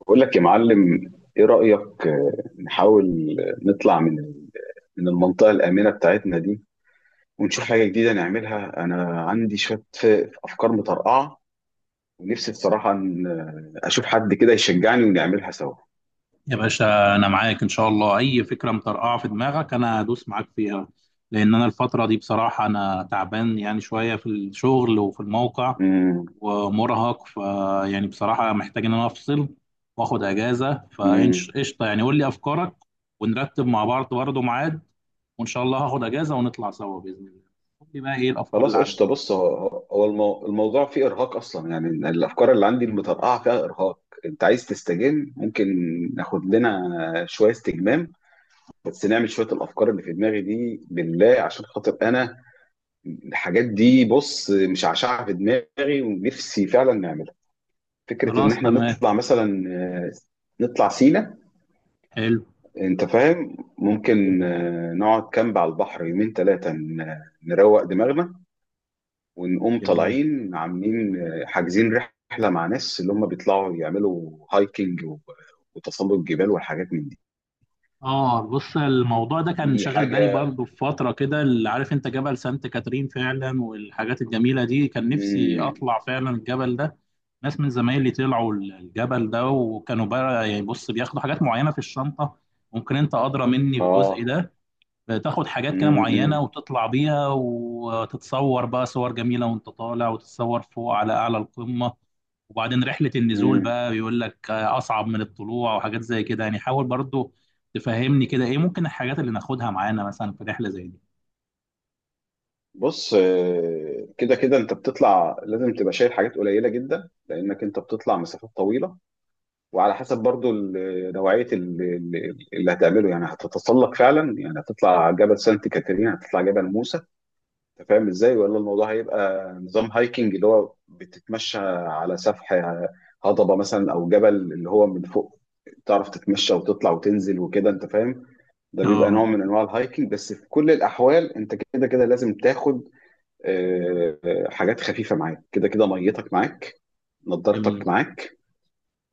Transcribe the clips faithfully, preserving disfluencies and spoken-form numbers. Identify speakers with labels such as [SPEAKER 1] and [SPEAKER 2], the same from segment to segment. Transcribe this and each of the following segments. [SPEAKER 1] بقول لك يا معلم ايه رأيك آه، نحاول نطلع من ال- من المنطقة الآمنة بتاعتنا دي، ونشوف حاجة جديدة نعملها. انا عندي شوية ف- افكار مطرقعة، ونفسي بصراحة ان آه، اشوف حد كده يشجعني ونعملها سوا.
[SPEAKER 2] يا باشا، انا معاك ان شاء الله. اي فكره مطرقعه في دماغك انا هدوس معاك فيها. لان انا الفتره دي بصراحه انا تعبان يعني شويه في الشغل وفي الموقع
[SPEAKER 1] امم
[SPEAKER 2] ومرهق، ف يعني بصراحه محتاج ان انا افصل واخد اجازه.
[SPEAKER 1] امم
[SPEAKER 2] فقشطه يعني قول لي افكارك، ونرتب مع بعض برضه ميعاد، وان شاء الله هاخد اجازه ونطلع سوا باذن الله. قول لي بقى ايه الافكار
[SPEAKER 1] خلاص
[SPEAKER 2] اللي
[SPEAKER 1] قشطة.
[SPEAKER 2] عندك.
[SPEAKER 1] بص، هو هو- هو المو- الموضوع فيه ارهاق اصلا، يعني الافكار اللي عندي المطرقعة فيها ارهاق. انت عايز تستجم، ممكن ناخد لنا شوية استجمام، بس نعمل شوية الافكار اللي في دماغي دي بالله عشان خاطر انا. الحاجات دي بص مشعشعة في دماغي ونفسي فعلا نعملها. فكرة إن
[SPEAKER 2] خلاص
[SPEAKER 1] إحنا
[SPEAKER 2] تمام.
[SPEAKER 1] نطلع مثلا، آه، نطلع سينا،
[SPEAKER 2] حلو.
[SPEAKER 1] أنت فاهم، ممكن
[SPEAKER 2] جميل.
[SPEAKER 1] آه، نقعد كامب على البحر يومين ثلاثة، نروق دماغنا، ونقوم
[SPEAKER 2] جميل.
[SPEAKER 1] طالعين عاملين، آه، حاجزين رحلة مع ناس اللي هم بيطلعوا يعملوا هايكنج و- وتسلق جبال والحاجات من دي.
[SPEAKER 2] اه بص، الموضوع ده كان
[SPEAKER 1] دي
[SPEAKER 2] شاغل بالي
[SPEAKER 1] حاجة.
[SPEAKER 2] برضه في فترة كده. اللي عارف انت جبل سانت كاترين فعلا والحاجات الجميلة دي، كان نفسي
[SPEAKER 1] مم.
[SPEAKER 2] اطلع فعلا الجبل ده. ناس من زمايلي طلعوا الجبل ده وكانوا بقى يعني بص بياخدوا حاجات معينة في الشنطة. ممكن انت ادرى مني في الجزء
[SPEAKER 1] آه.
[SPEAKER 2] ده، تاخد حاجات كده معينة
[SPEAKER 1] مم.
[SPEAKER 2] وتطلع بيها وتتصور بقى صور جميلة وانت طالع، وتتصور فوق على أعلى القمة. وبعدين رحلة النزول
[SPEAKER 1] مم.
[SPEAKER 2] بقى بيقول لك أصعب من الطلوع وحاجات زي كده يعني. حاول برضو تفهمني كده إيه ممكن الحاجات اللي ناخدها معانا مثلا في رحلة زي دي.
[SPEAKER 1] بص، آه، كده كده انت بتطلع لازم تبقى شايل حاجات قليله جدا، لانك انت بتطلع مسافات طويله. وعلى حسب برضو ال- نوعيه ال- ال- اللي هتعمله. يعني هتتسلق فعلا، يعني هتطلع جبل سانت كاترين، هتطلع جبل موسى، انت فاهم ازاي؟ ولا الموضوع هيبقى نظام هايكنج، اللي هو بتتمشى على سفح هضبه مثلا او جبل، اللي هو من فوق تعرف تتمشى وتطلع وتنزل وكده، انت فاهم. ده بيبقى نوع
[SPEAKER 2] اه.
[SPEAKER 1] من انواع الهايكنج. بس في كل الاحوال انت كده كده لازم تاخد آه، آه، حاجات خفيفة معاك. كده كده ميتك معاك، نضارتك
[SPEAKER 2] جميل.
[SPEAKER 1] معاك.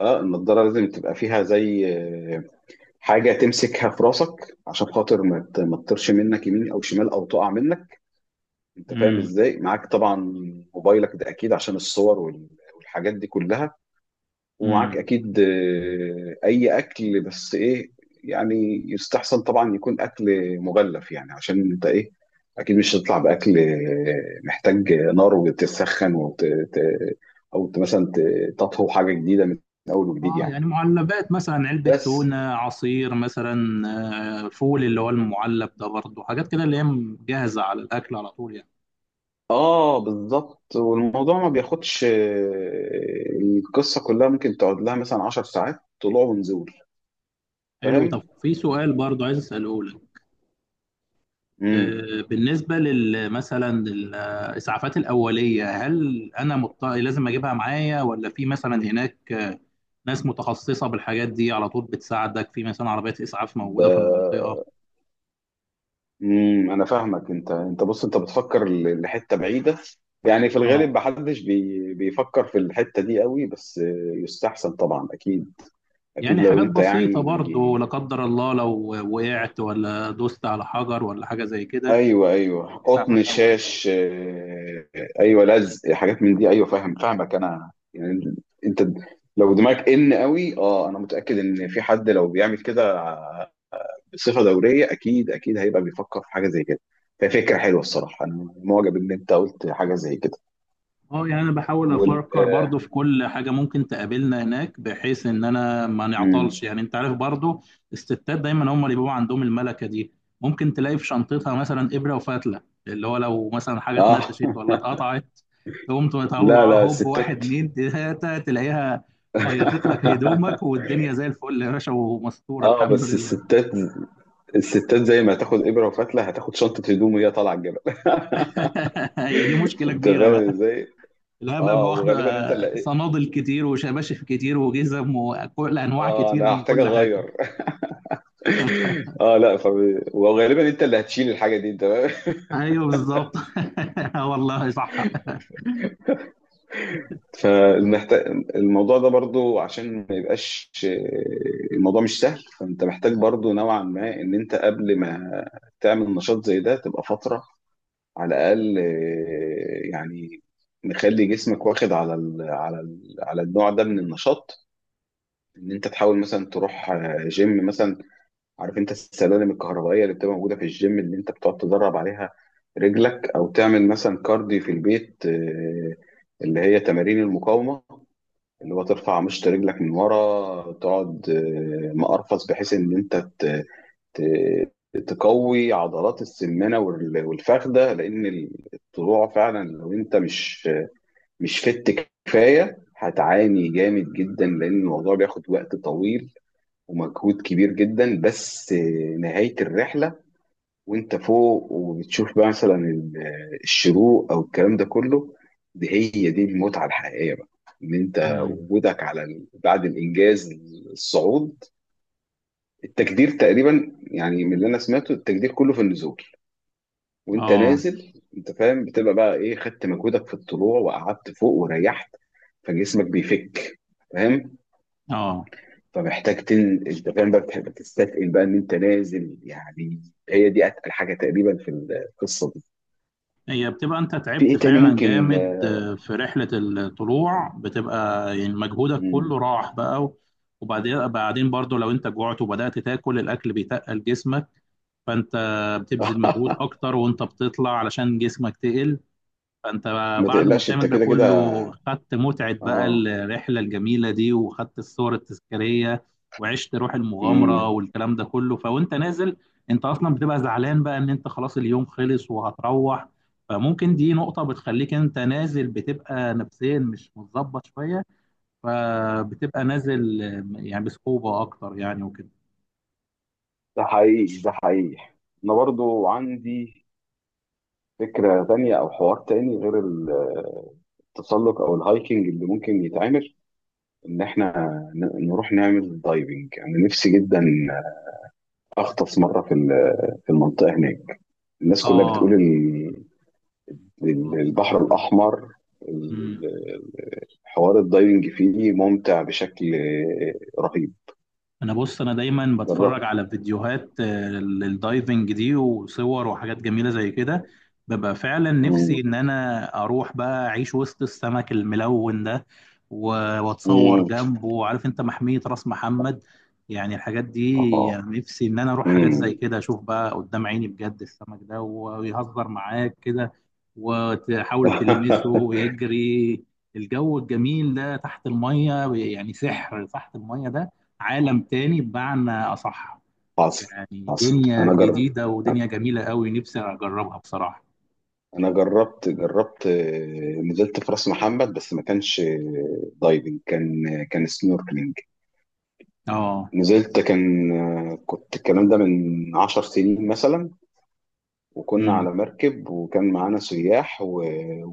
[SPEAKER 1] اه، النضارة لازم تبقى فيها زي آه، حاجة تمسكها في راسك عشان خاطر ما ت- ما تطيرش منك يمين او شمال او تقع منك، انت فاهم
[SPEAKER 2] امم.
[SPEAKER 1] ازاي؟ معاك طبعا موبايلك ده اكيد عشان الصور وال- والحاجات دي كلها. ومعاك
[SPEAKER 2] امم.
[SPEAKER 1] اكيد آه، اي اكل، بس ايه يعني، يستحسن طبعا يكون اكل مغلف، يعني عشان انت ايه، اكيد مش هتطلع باكل آه، محتاج نار وتسخن وت... ت- او ت- مثلا ت- تطهو حاجه جديده من اول وجديد
[SPEAKER 2] اه
[SPEAKER 1] يعني.
[SPEAKER 2] يعني معلبات، مثلا علبة
[SPEAKER 1] بس
[SPEAKER 2] تونة، عصير مثلا، آه، فول اللي هو المعلب ده برضو، حاجات كده اللي هي جاهزة على الأكل على طول يعني.
[SPEAKER 1] اه بالظبط. والموضوع ما بياخدش آه، القصه كلها ممكن تقعد لها مثلا عشر ساعات طلوع ونزول،
[SPEAKER 2] حلو. طب
[SPEAKER 1] فاهم.
[SPEAKER 2] في سؤال برضو عايز أسأله لك.
[SPEAKER 1] امم
[SPEAKER 2] آه، بالنسبة لل مثلا الإسعافات الأولية، هل أنا مضط... لازم أجيبها معايا، ولا في مثلا هناك آه، ناس متخصصة بالحاجات دي على طول بتساعدك، في مثلا عربيات إسعاف موجودة في المنطقة؟
[SPEAKER 1] امم انا فاهمك. انت انت بص، انت بتفكر ل- لحته بعيده، يعني في الغالب
[SPEAKER 2] آه.
[SPEAKER 1] محدش بي بيفكر في الحته دي قوي. بس يستحسن طبعا اكيد، اكيد
[SPEAKER 2] يعني
[SPEAKER 1] لو
[SPEAKER 2] حاجات
[SPEAKER 1] انت
[SPEAKER 2] بسيطة برضو،
[SPEAKER 1] يعني.
[SPEAKER 2] لا قدر الله لو وقعت ولا دوست على حجر ولا حاجة زي كده.
[SPEAKER 1] ايوه ايوه،
[SPEAKER 2] إسعافات
[SPEAKER 1] قطن،
[SPEAKER 2] أولية.
[SPEAKER 1] شاش، آه، ايوه، لزق، حاجات من دي، ايوه، فاهم، فاهمك انا يعني. انت لو دماغك ان قوي، اه انا متاكد ان في حد لو بيعمل كده بصفه دوريه اكيد اكيد هيبقى بيفكر في حاجه زي كده. ففكره حلوه الصراحه، انا معجب ان انت قلت حاجه زي كده.
[SPEAKER 2] اه يعني انا بحاول
[SPEAKER 1] وال
[SPEAKER 2] افكر برضو في كل حاجه ممكن تقابلنا هناك، بحيث ان انا ما
[SPEAKER 1] مم.
[SPEAKER 2] نعطلش، يعني انت عارف برضو. الستات دايما هم اللي بيبقوا عندهم الملكه دي. ممكن تلاقي في شنطتها مثلا ابره وفتله، اللي هو لو مثلا حاجه
[SPEAKER 1] اه.
[SPEAKER 2] اتنتشت ولا اتقطعت تقوم
[SPEAKER 1] لا
[SPEAKER 2] تطلع
[SPEAKER 1] لا
[SPEAKER 2] هوب، واحد
[SPEAKER 1] الستات.
[SPEAKER 2] اتنين تلاته تلاقيها خيطت لك هدومك والدنيا زي الفل يا باشا، ومستور
[SPEAKER 1] اه
[SPEAKER 2] الحمد
[SPEAKER 1] بس
[SPEAKER 2] لله.
[SPEAKER 1] الستات، الستات زي ما هتاخد ابره وفتله هتاخد شنطه هدوم وهي طالعه الجبل.
[SPEAKER 2] هي دي مشكله
[SPEAKER 1] انت
[SPEAKER 2] كبيره
[SPEAKER 1] فاهم
[SPEAKER 2] بقى.
[SPEAKER 1] ازاي؟
[SPEAKER 2] لا بقى،
[SPEAKER 1] اه
[SPEAKER 2] واخدة
[SPEAKER 1] وغالبا انت اللي إيه؟
[SPEAKER 2] صنادل كتير وشباشف كتير وجزم وكل أنواع
[SPEAKER 1] اه
[SPEAKER 2] كتير
[SPEAKER 1] انا
[SPEAKER 2] من
[SPEAKER 1] هحتاج
[SPEAKER 2] كل حاجة.
[SPEAKER 1] اغير. اه لا ف... وغالبا انت اللي هتشيل الحاجه دي، انت فاهم؟
[SPEAKER 2] أيوه بالظبط. آه والله صح.
[SPEAKER 1] فالمحتاج الموضوع ده برضو عشان ما يبقاش. الموضوع مش سهل، فانت محتاج برضو نوعا ما ان انت قبل ما تعمل نشاط زي ده تبقى فتره على الاقل آه، يعني نخلي جسمك واخد على ال على ال على النوع ده من النشاط. ان انت تحاول مثلا تروح آه، جيم مثلا، عارف انت السلالم الكهربائيه اللي بتبقى موجوده في الجيم اللي انت بتقعد تدرب عليها رجلك، او تعمل مثلا كارديو في البيت، آه، اللي هي تمارين المقاومه، اللي هو ترفع مشط رجلك من ورا، تقعد آه، مقرفص بحيث ان انت ت- تقوي عضلات السمانه وال- والفخده. لان الطلوع فعلا لو انت مش مش فت كفايه هتعاني جامد جدا، لان الموضوع بياخد وقت طويل ومجهود كبير جدا. بس نهايه الرحله، وانت فوق وبتشوف بقى مثلا ال- الشروق او الكلام ده كله، دي هي دي المتعه الحقيقيه بقى، ان انت
[SPEAKER 2] مم.
[SPEAKER 1] وجودك على ال- بعد الانجاز، الصعود. التجدير تقريبا يعني من اللي انا سمعته التجدير كله في النزول. وانت
[SPEAKER 2] اه.
[SPEAKER 1] نازل انت فاهم بتبقى بقى ايه، خدت مجهودك في الطلوع وقعدت فوق وريحت، فجسمك بيفك، فاهم.
[SPEAKER 2] اه.
[SPEAKER 1] فمحتاج تن، انت فاهم بقى، بتحب تستثقل بقى ان انت نازل يعني، هي دي اتقل حاجه تقريبا في القصه دي.
[SPEAKER 2] هي بتبقى انت
[SPEAKER 1] في
[SPEAKER 2] تعبت
[SPEAKER 1] ايه تاني
[SPEAKER 2] فعلا
[SPEAKER 1] ممكن
[SPEAKER 2] جامد
[SPEAKER 1] آه،
[SPEAKER 2] آه، في رحلة الطلوع، بتبقى يعني مجهودك
[SPEAKER 1] مم.
[SPEAKER 2] كله راح بقى. و- وبعدين بعدين برضو لو انت جوعت وبدأت تاكل، الاكل بيتقل جسمك، فانت بتبذل مجهود اكتر وانت بتطلع علشان جسمك تقل. فانت
[SPEAKER 1] ما
[SPEAKER 2] بعد ما
[SPEAKER 1] تقلقش انت
[SPEAKER 2] بتعمل ده
[SPEAKER 1] كده كده.
[SPEAKER 2] كله، خدت متعة بقى
[SPEAKER 1] اه.
[SPEAKER 2] الرحلة الجميلة دي، وخدت الصور التذكارية وعشت روح المغامرة
[SPEAKER 1] مم.
[SPEAKER 2] والكلام ده كله. فوانت نازل انت اصلا بتبقى زعلان بقى ان انت خلاص اليوم خلص وهتروح، فممكن دي نقطة بتخليك انت نازل بتبقى نفسيا مش متظبط شوية، فبتبقى نازل يعني بصعوبة اكتر يعني وكده.
[SPEAKER 1] ده حقيقي ده حقيقي. انا برضو عندي فكره تانية او حوار تاني غير التسلق او الهايكنج اللي ممكن يتعمل، ان احنا ن- نروح نعمل دايفنج. انا نفسي جدا اغطس مره في ال- في المنطقه هناك. الناس كلها
[SPEAKER 2] اه.
[SPEAKER 1] بتقول ال-
[SPEAKER 2] آه،
[SPEAKER 1] ال- البحر
[SPEAKER 2] بصراحة
[SPEAKER 1] الاحمر، ال- ال- حوار الدايفنج فيه ممتع بشكل رهيب.
[SPEAKER 2] انا بص، انا دايما
[SPEAKER 1] جربت.
[SPEAKER 2] بتفرج على فيديوهات آه، للدايفنج دي وصور وحاجات جميله زي كده. ببقى فعلا نفسي
[SPEAKER 1] مم.
[SPEAKER 2] ان انا اروح بقى اعيش وسط السمك الملون ده، و- واتصور
[SPEAKER 1] مم.
[SPEAKER 2] جنبه. عارف انت محميه راس محمد، يعني الحاجات دي،
[SPEAKER 1] اه.
[SPEAKER 2] يعني نفسي ان انا اروح حاجات زي
[SPEAKER 1] مم.
[SPEAKER 2] كده اشوف بقى قدام عيني بجد السمك ده، ويهزر معاك كده وتحاول تلمسه ويجري. الجو الجميل ده تحت الميه، يعني سحر تحت الميه ده. عالم تاني بمعنى أصح.
[SPEAKER 1] حصل.
[SPEAKER 2] يعني
[SPEAKER 1] حصل
[SPEAKER 2] دنيا
[SPEAKER 1] انا جربت.
[SPEAKER 2] جديدة ودنيا جميلة قوي نفسي أجربها بصراحة.
[SPEAKER 1] انا جربت جربت آه، نزلت في راس محمد بس ما كانش آه، دايفنج، كان كان سنوركلينج.
[SPEAKER 2] اه.
[SPEAKER 1] نزلت، كان آه، كنت، الكلام ده من عشر سنين مثلا، وكنا على
[SPEAKER 2] امم.
[SPEAKER 1] مركب وكان معانا سياح و-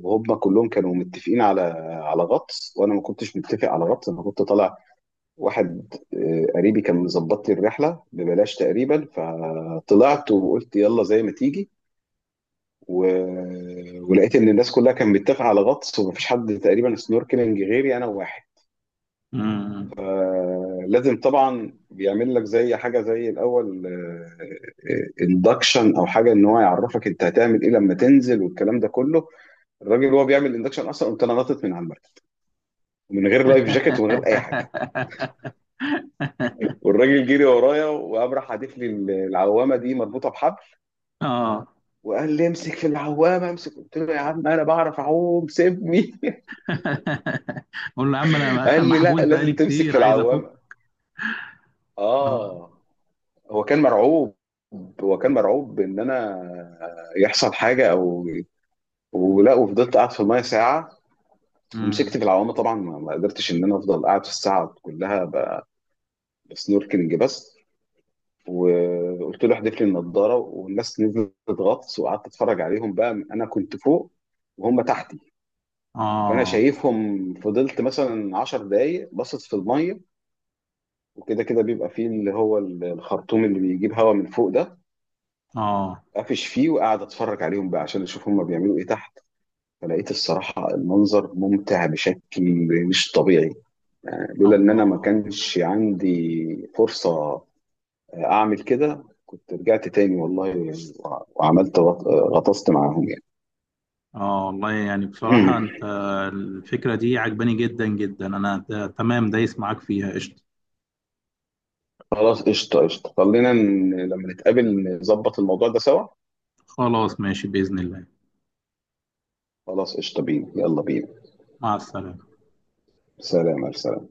[SPEAKER 1] وهم كلهم كانوا متفقين على على غطس، وانا ما كنتش متفق على غطس. انا كنت طالع، واحد آه، قريبي كان مظبط لي الرحله ببلاش تقريبا، فطلعت وقلت يلا زي ما تيجي. و... ولقيت ان الناس كلها كانت متفقه على غطس، ومفيش حد تقريبا سنوركلينج غيري انا. واحد
[SPEAKER 2] امم.
[SPEAKER 1] لازم طبعا بيعمل لك زي حاجه زي الاول، اندكشن او حاجه، ان هو يعرفك انت هتعمل ايه لما تنزل والكلام ده كله. الراجل وهو بيعمل اندكشن اصلا قمت انا نطت من على المركب، ومن غير لايف جاكيت ومن غير اي حاجه. والراجل جري ورايا وقام راح حادف لي العوامه دي مربوطه بحبل،
[SPEAKER 2] اه
[SPEAKER 1] وقال لي امسك في العوامه امسك. قلت له يا عم انا بعرف اعوم سيبني.
[SPEAKER 2] قول له يا عم أنا
[SPEAKER 1] قال لي لا،
[SPEAKER 2] محبوس بقالي
[SPEAKER 1] لازم تمسك
[SPEAKER 2] كتير
[SPEAKER 1] في
[SPEAKER 2] عايز أفك.
[SPEAKER 1] العوامه.
[SPEAKER 2] اه.
[SPEAKER 1] اه، هو كان مرعوب، هو كان مرعوب ان انا يحصل حاجه او ولا. وفضلت قاعد في المايه ساعه
[SPEAKER 2] امم.
[SPEAKER 1] ومسكت في العوامه طبعا. ما ما قدرتش ان انا افضل قاعد في الساعه كلها ب- بسنوركلينج بس. وقلت له احذف لي النضاره، والناس نزلت غطس وقعدت اتفرج عليهم بقى. انا كنت فوق وهم تحتي، فانا
[SPEAKER 2] اه.
[SPEAKER 1] شايفهم، فضلت مثلا عشر دقايق بصت في الميه. وكده كده بيبقى فيه اللي هو الخرطوم اللي بيجيب هواء من فوق ده،
[SPEAKER 2] اه.
[SPEAKER 1] قافش فيه وقاعد اتفرج عليهم بقى عشان اشوف هم بيعملوا ايه تحت. فلقيت الصراحه المنظر ممتع بشكل مش طبيعي. لولا ان انا ما
[SPEAKER 2] الله.
[SPEAKER 1] كانش عندي فرصة اعمل كده كنت رجعت تاني والله. وع- وعملت غط- غطست معاهم يعني.
[SPEAKER 2] اه والله، يعني بصراحة أنت الفكرة دي عجباني جدا جدا. أنا ت- تمام دايس معاك فيها قشطة.
[SPEAKER 1] خلاص قشطة قشطة. خلينا ن- لما نتقابل نظبط الموضوع ده سوا.
[SPEAKER 2] خلاص ماشي بإذن الله.
[SPEAKER 1] خلاص قشطة بينا. يلا بينا.
[SPEAKER 2] مع السلامة.
[SPEAKER 1] سلام سلام.